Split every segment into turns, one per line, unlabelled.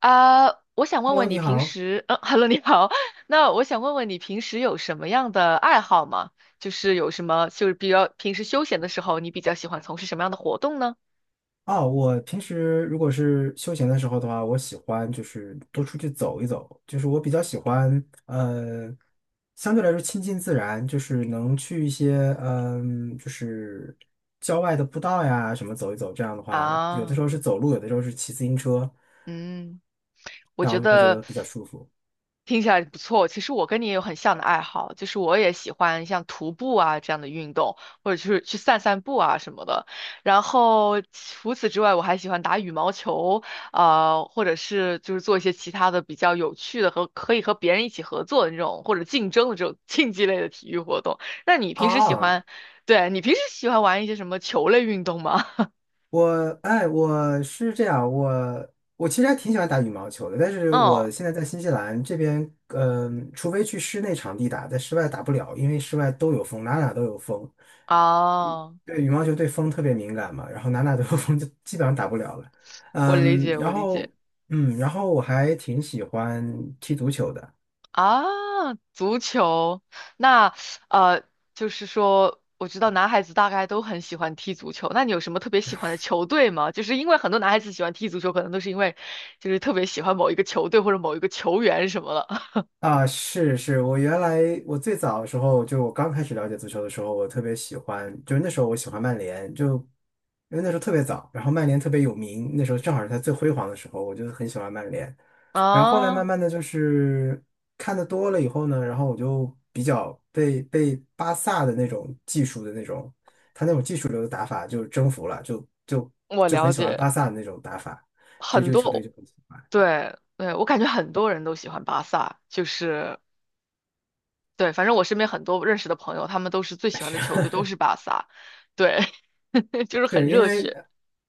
啊，我想问
Hello，
问你
你
平
好。
时，Hello，你好。那我想问问你平时有什么样的爱好吗？就是有什么，就是比较平时休闲的时候，你比较喜欢从事什么样的活动呢？
哦，我平时如果是休闲的时候的话，我喜欢就是多出去走一走，就是我比较喜欢，相对来说亲近自然，就是能去一些，就是郊外的步道呀什么走一走。这样的话，有的时
啊
候是走路，有的时候是骑自行车，
嗯，我
这
觉
样就会觉
得
得比较舒服
听起来不错。其实我跟你也有很像的爱好，就是我也喜欢像徒步啊这样的运动，或者就是去散散步啊什么的。然后除此之外，我还喜欢打羽毛球，啊，或者是就是做一些其他的比较有趣的和可以和别人一起合作的那种，或者竞争的这种竞技类的体育活动。那你平时喜
啊。
欢，对，你平时喜欢玩一些什么球类运动吗？
我哎，我是这样，我其实还挺喜欢打羽毛球的，但是
嗯，
我现在在新西兰这边，除非去室内场地打，在室外打不了，因为室外都有风，哪哪都有风。
啊，
对，羽毛球对风特别敏感嘛，然后哪哪都有风，就基本上打不了了。
我理
嗯，
解，我
然
理解。
后嗯，然后我还挺喜欢踢足球的。
啊，足球，那呃，就是说，我知道男孩子大概都很喜欢踢足球。那你有什么特别喜欢的球队吗？就是因为很多男孩子喜欢踢足球，可能都是因为就是特别喜欢某一个球队或者某一个球员什么的。
啊，是是，我原来我最早的时候，就我刚开始了解足球的时候，我特别喜欢，就是那时候我喜欢曼联，就因为那时候特别早，然后曼联特别有名，那时候正好是他最辉煌的时候，我就很喜欢曼联。然后后来慢
啊，
慢的就是看的多了以后呢，然后我就比较被巴萨的那种技术的那种，他那种技术流的打法就征服了，就
我
就很
了
喜欢
解，
巴萨的那种打法，对
很
这个球队
多，
就很喜欢。
对对，我感觉很多人都喜欢巴萨，就是对，反正我身边很多认识的朋友，他们都是最喜欢的球队都是巴萨，对，就是很
是因
热
为
血。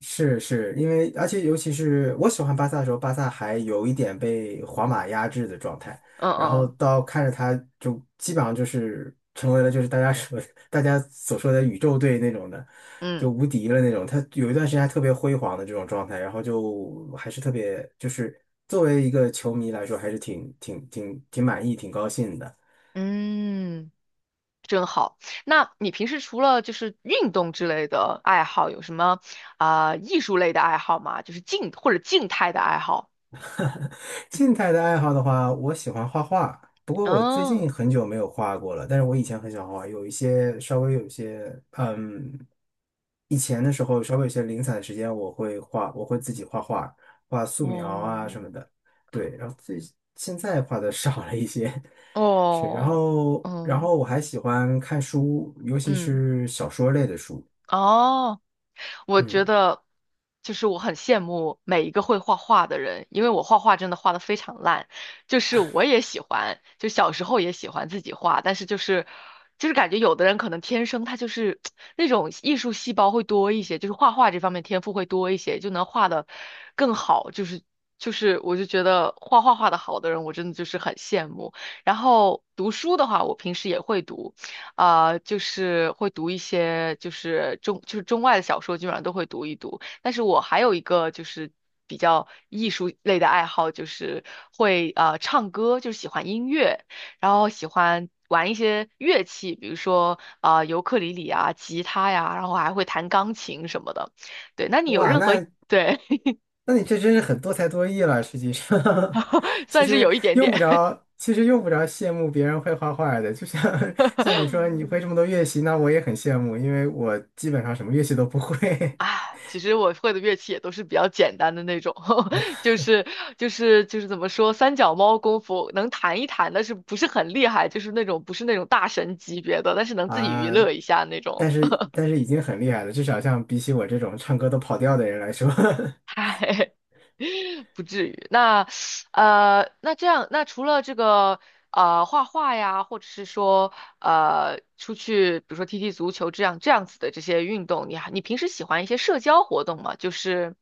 是是因为，而且尤其是我喜欢巴萨的时候，巴萨还有一点被皇马压制的状态，
嗯
然后
嗯
到看着他就基本上就是成为了就是大家说 大家所说的宇宙队那种的，
嗯。
就无敌了那种。他有一段时间还特别辉煌的这种状态，然后就还是特别就是作为一个球迷来说，还是挺满意、挺高兴的。
嗯，真好。那你平时除了就是运动之类的爱好，有什么啊、艺术类的爱好吗？就是静或者静态的爱好？
静态的爱好的话，我喜欢画画，不过我最
嗯，
近很久没有画过了。但是我以前很喜欢画画，有一些稍微有一些，嗯，以前的时候稍微有些零散的时间，我会画，我会自己画画，画素描啊
哦，
什么的。对，然后最现在画的 少了一些，是，然
哦，
后然
嗯
后我还喜欢看书，尤其
嗯，
是小说类的书。
哦。我觉
嗯，
得就是我很羡慕每一个会画画的人，因为我画画真的画的非常烂，就是我也喜欢，就小时候也喜欢自己画，但是就是感觉有的人可能天生他就是那种艺术细胞会多一些，就是画画这方面天赋会多一些，就能画的更好，就是我就觉得画画画的好的人，我真的就是很羡慕。然后读书的话，我平时也会读。啊、就是会读一些就是中外的小说，基本上都会读一读。但是我还有一个就是比较艺术类的爱好，就是会唱歌，就是喜欢音乐，然后喜欢玩一些乐器，比如说啊、尤克里里啊、吉他呀，然后还会弹钢琴什么的。对，那你有
哇，
任何
那
对
那你这真是很多才多艺了，实际上，其
算是
实
有一点
用
点
不着，其实用不着羡慕别人会画画的。就像 像你说你会这 么多乐器，那我也很羡慕，因为我基本上什么乐器都不会
啊，其实我会的乐器也都是比较简单的那种，就是就是怎么说，三脚猫功夫能弹一弹，但是不是很厉害，就是那种不是那种大神级别的，但是 能自己娱
啊。
乐一下那种。
但是但是已经很厉害了，至少像比起我这种唱歌都跑调的人来说，
嗨，不至于。那那这样，那除了这个画画呀，或者是说出去，比如说踢踢足球这样子的这些运动，你平时喜欢一些社交活动吗？就是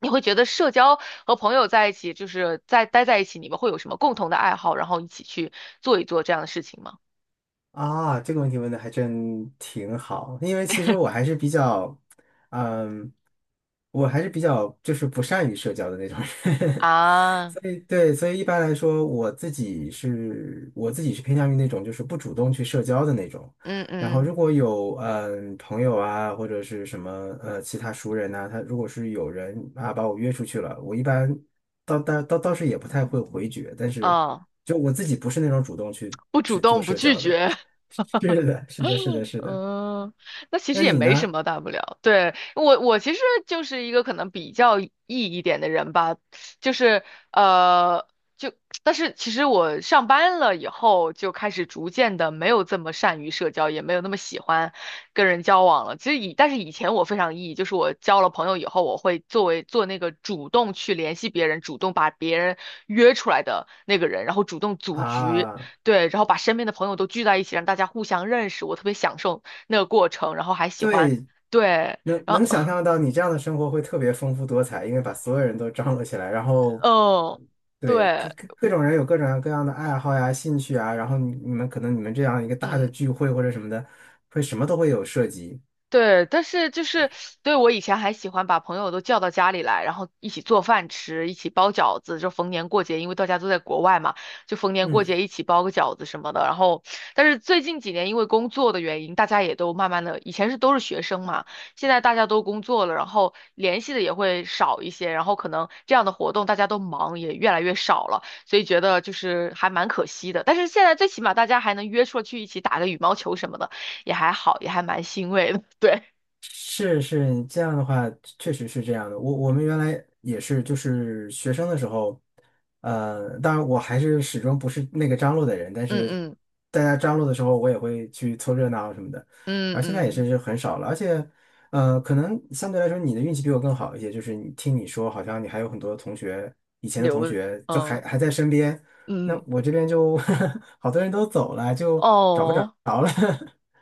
你会觉得社交和朋友在一起，就待在一起，你们会有什么共同的爱好，然后一起去做一做这样的事情吗？
啊，这个问题问的还真挺好，因为其实我还是比较，嗯，我还是比较就是不善于社交的那种人，
啊，
所以对，所以一般来说，我自己是偏向于那种就是不主动去社交的那种，
嗯
然后
嗯，
如果有嗯朋友啊或者是什么其他熟人呐、他如果是有人啊把我约出去了，我一般倒是也不太会回绝，但是
啊，
就我自己不是那种主动去
不主
去做
动，不
社
拒
交的。
绝。
是的，是的，是的，是的。
嗯，那其实
那
也
你
没什
呢？
么大不了。对,我其实就是一个可能比较 E 一点的人吧，就是呃，就但是其实我上班了以后，就开始逐渐的没有这么善于社交，也没有那么喜欢跟人交往了。其实以但是以前我非常 E，就是我交了朋友以后，我会作为做那个主动去联系别人，主动把别人约出来的那个人，然后主动组局。
啊，
对，然后把身边的朋友都聚在一起，让大家互相认识，我特别享受那个过程，然后还喜欢，
对，
对，
能
然后
能想象到你这样的生活会特别丰富多彩，因为把所有人都张罗起来，然 后
嗯，
对
对，
各种人有各种各样的爱好呀、兴趣啊，然后你们可能你们这样一个大的
嗯。
聚会或者什么的，会什么都会有涉及。
对，但是就是，对，我以前还喜欢把朋友都叫到家里来，然后一起做饭吃，一起包饺子，就逢年过节，因为大家都在国外嘛，就逢年过
嗯。
节一起包个饺子什么的。然后，但是最近几年因为工作的原因，大家也都慢慢的，以前是都是学生嘛，现在大家都工作了，然后联系的也会少一些，然后可能这样的活动大家都忙，也越来越少了，所以觉得就是还蛮可惜的。但是现在最起码大家还能约出去一起打个羽毛球什么的。也还好，也还蛮欣慰的。对，
是是，你这样的话确实是这样的。我们原来也是，就是学生的时候，当然我还是始终不是那个张罗的人，但
嗯
是
嗯
大家张罗的时候，我也会去凑热闹什么的。
嗯
然后现在也
嗯，
是就很少了，而且，可能相对来说你的运气比我更好一些，就是你听你说，好像你还有很多同学，以前的同
留，
学就还
嗯
还在身边，那
嗯，
我这边就 好多人都走了，就找不着
哦。
了，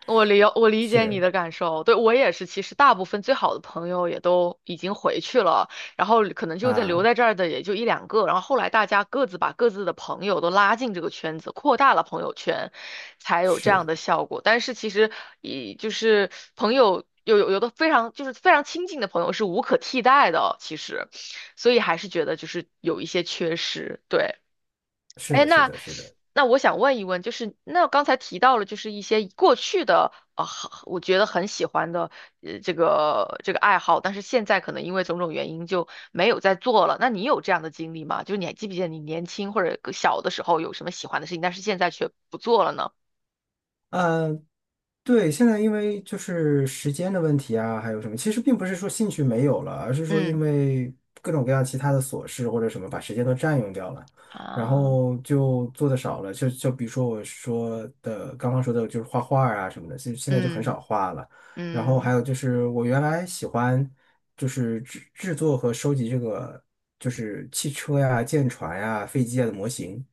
我理我 理解你
是。
的感受，对，我也是。其实大部分最好的朋友也都已经回去了，然后可能就在留
啊，
在这儿的也就一两个。然后后来大家各自把各自的朋友都拉进这个圈子，扩大了朋友圈，才有这样
是，
的效果。但是其实以就是朋友有的非常就是非常亲近的朋友是无可替代的，其实，所以还是觉得就是有一些缺失，对。
是
哎，
的，是
那
的，是的，
那我想问一问，就是那刚才提到了，就是一些过去的啊、我觉得很喜欢的这个爱好，但是现在可能因为种种原因就没有再做了。那你有这样的经历吗？就是你还记不记得你年轻或者小的时候有什么喜欢的事情，但是现在却不做了呢？
呃，对，现在因为就是时间的问题啊，还有什么，其实并不是说兴趣没有了，而是说因
嗯
为各种各样其他的琐事或者什么把时间都占用掉了，然
啊，
后就做的少了，就比如说我说的刚刚说的就是画画啊什么的，就现在就很
嗯
少画了，然后还
嗯
有就是我原来喜欢就是制作和收集这个就是汽车呀、舰船呀、飞机呀的模型。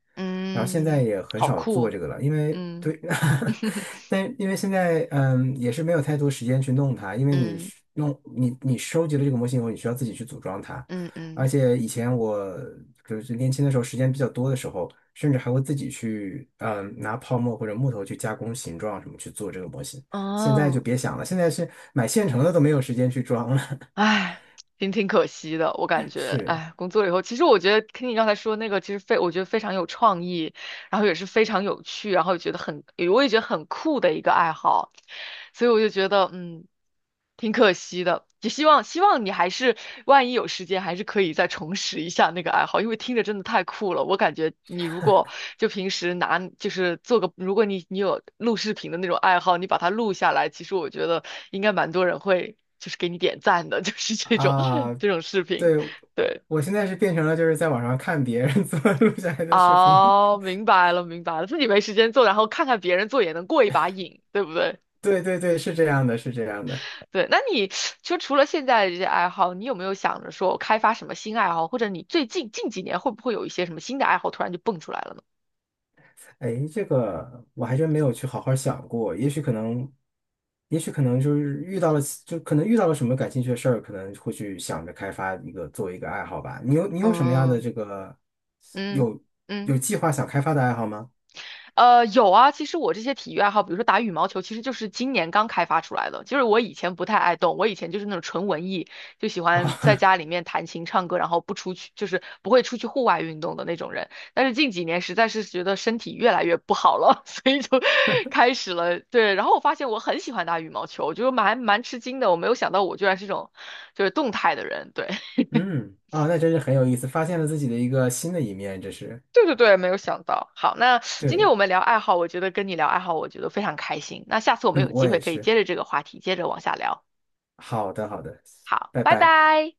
然后现在
嗯，
也很
好
少
酷
做
哦，
这个了，因为
嗯
对，但因为现在也是没有太多时间去弄它，因为你
嗯
是弄你收集了这个模型以后，你需要自己去组装它，
嗯嗯，
而且以前我就是年轻的时候时间比较多的时候，甚至还会自己去拿泡沫或者木头去加工形状什么去做这个模型，现在就
哦
别想了，现在是买现成的都没有时间去装了，
唉，挺可惜的，我感 觉，
是。
唉，工作以后，其实我觉得听你刚才说那个，其实非，我觉得非常有创意，然后也是非常有趣，然后觉得很，我也觉得很酷的一个爱好，所以我就觉得，嗯，挺可惜的。也希望你还是，万一有时间，还是可以再重拾一下那个爱好，因为听着真的太酷了。我感觉你如果就平时拿，就是做个，如果你有录视频的那种爱好，你把它录下来，其实我觉得应该蛮多人会，就是给你点赞的，就是这种
啊，
这种视频，
对，
对。
我现在是变成了就是在网上看别人 怎么录下来的视频。
哦，明白了，明白了，自己没时间做，然后看看别人做也能过一把瘾，对不对？
对对对，是这样的，是这样的。
对，那你就除了现在的这些爱好，你有没有想着说开发什么新爱好，或者你最近近几年会不会有一些什么新的爱好突然就蹦出来了呢？
哎，这个我还真没有去好好想过，也许可能，也许可能就是遇到了，就可能遇到了什么感兴趣的事儿，可能会去想着开发一个做一个爱好吧。你有什么样的
嗯
这个
嗯
有
嗯。
有计划想开发的爱好吗？
呃，有啊，其实我这些体育爱好，比如说打羽毛球，其实就是今年刚开发出来的。就是我以前不太爱动，我以前就是那种纯文艺，就喜欢在
啊，
家里面弹琴唱歌，然后不出去，就是不会出去户外运动的那种人。但是近几年实在是觉得身体越来越不好了，所以就开始了。对，然后我发现我很喜欢打羽毛球，我就蛮吃惊的，我没有想到我居然是这种就是动态的人。对，
嗯，啊，那真是很有意思，发现了自己的一个新的一面，这是。
对对对，没有想到。好，那今天
对，
我们聊爱好，我觉得跟你聊爱好，我觉得非常开心。那下次我们
嗯，
有机
我
会
也
可以接
是。
着这个话题，接着往下聊。
好的，好的，
好，
拜
拜
拜。
拜。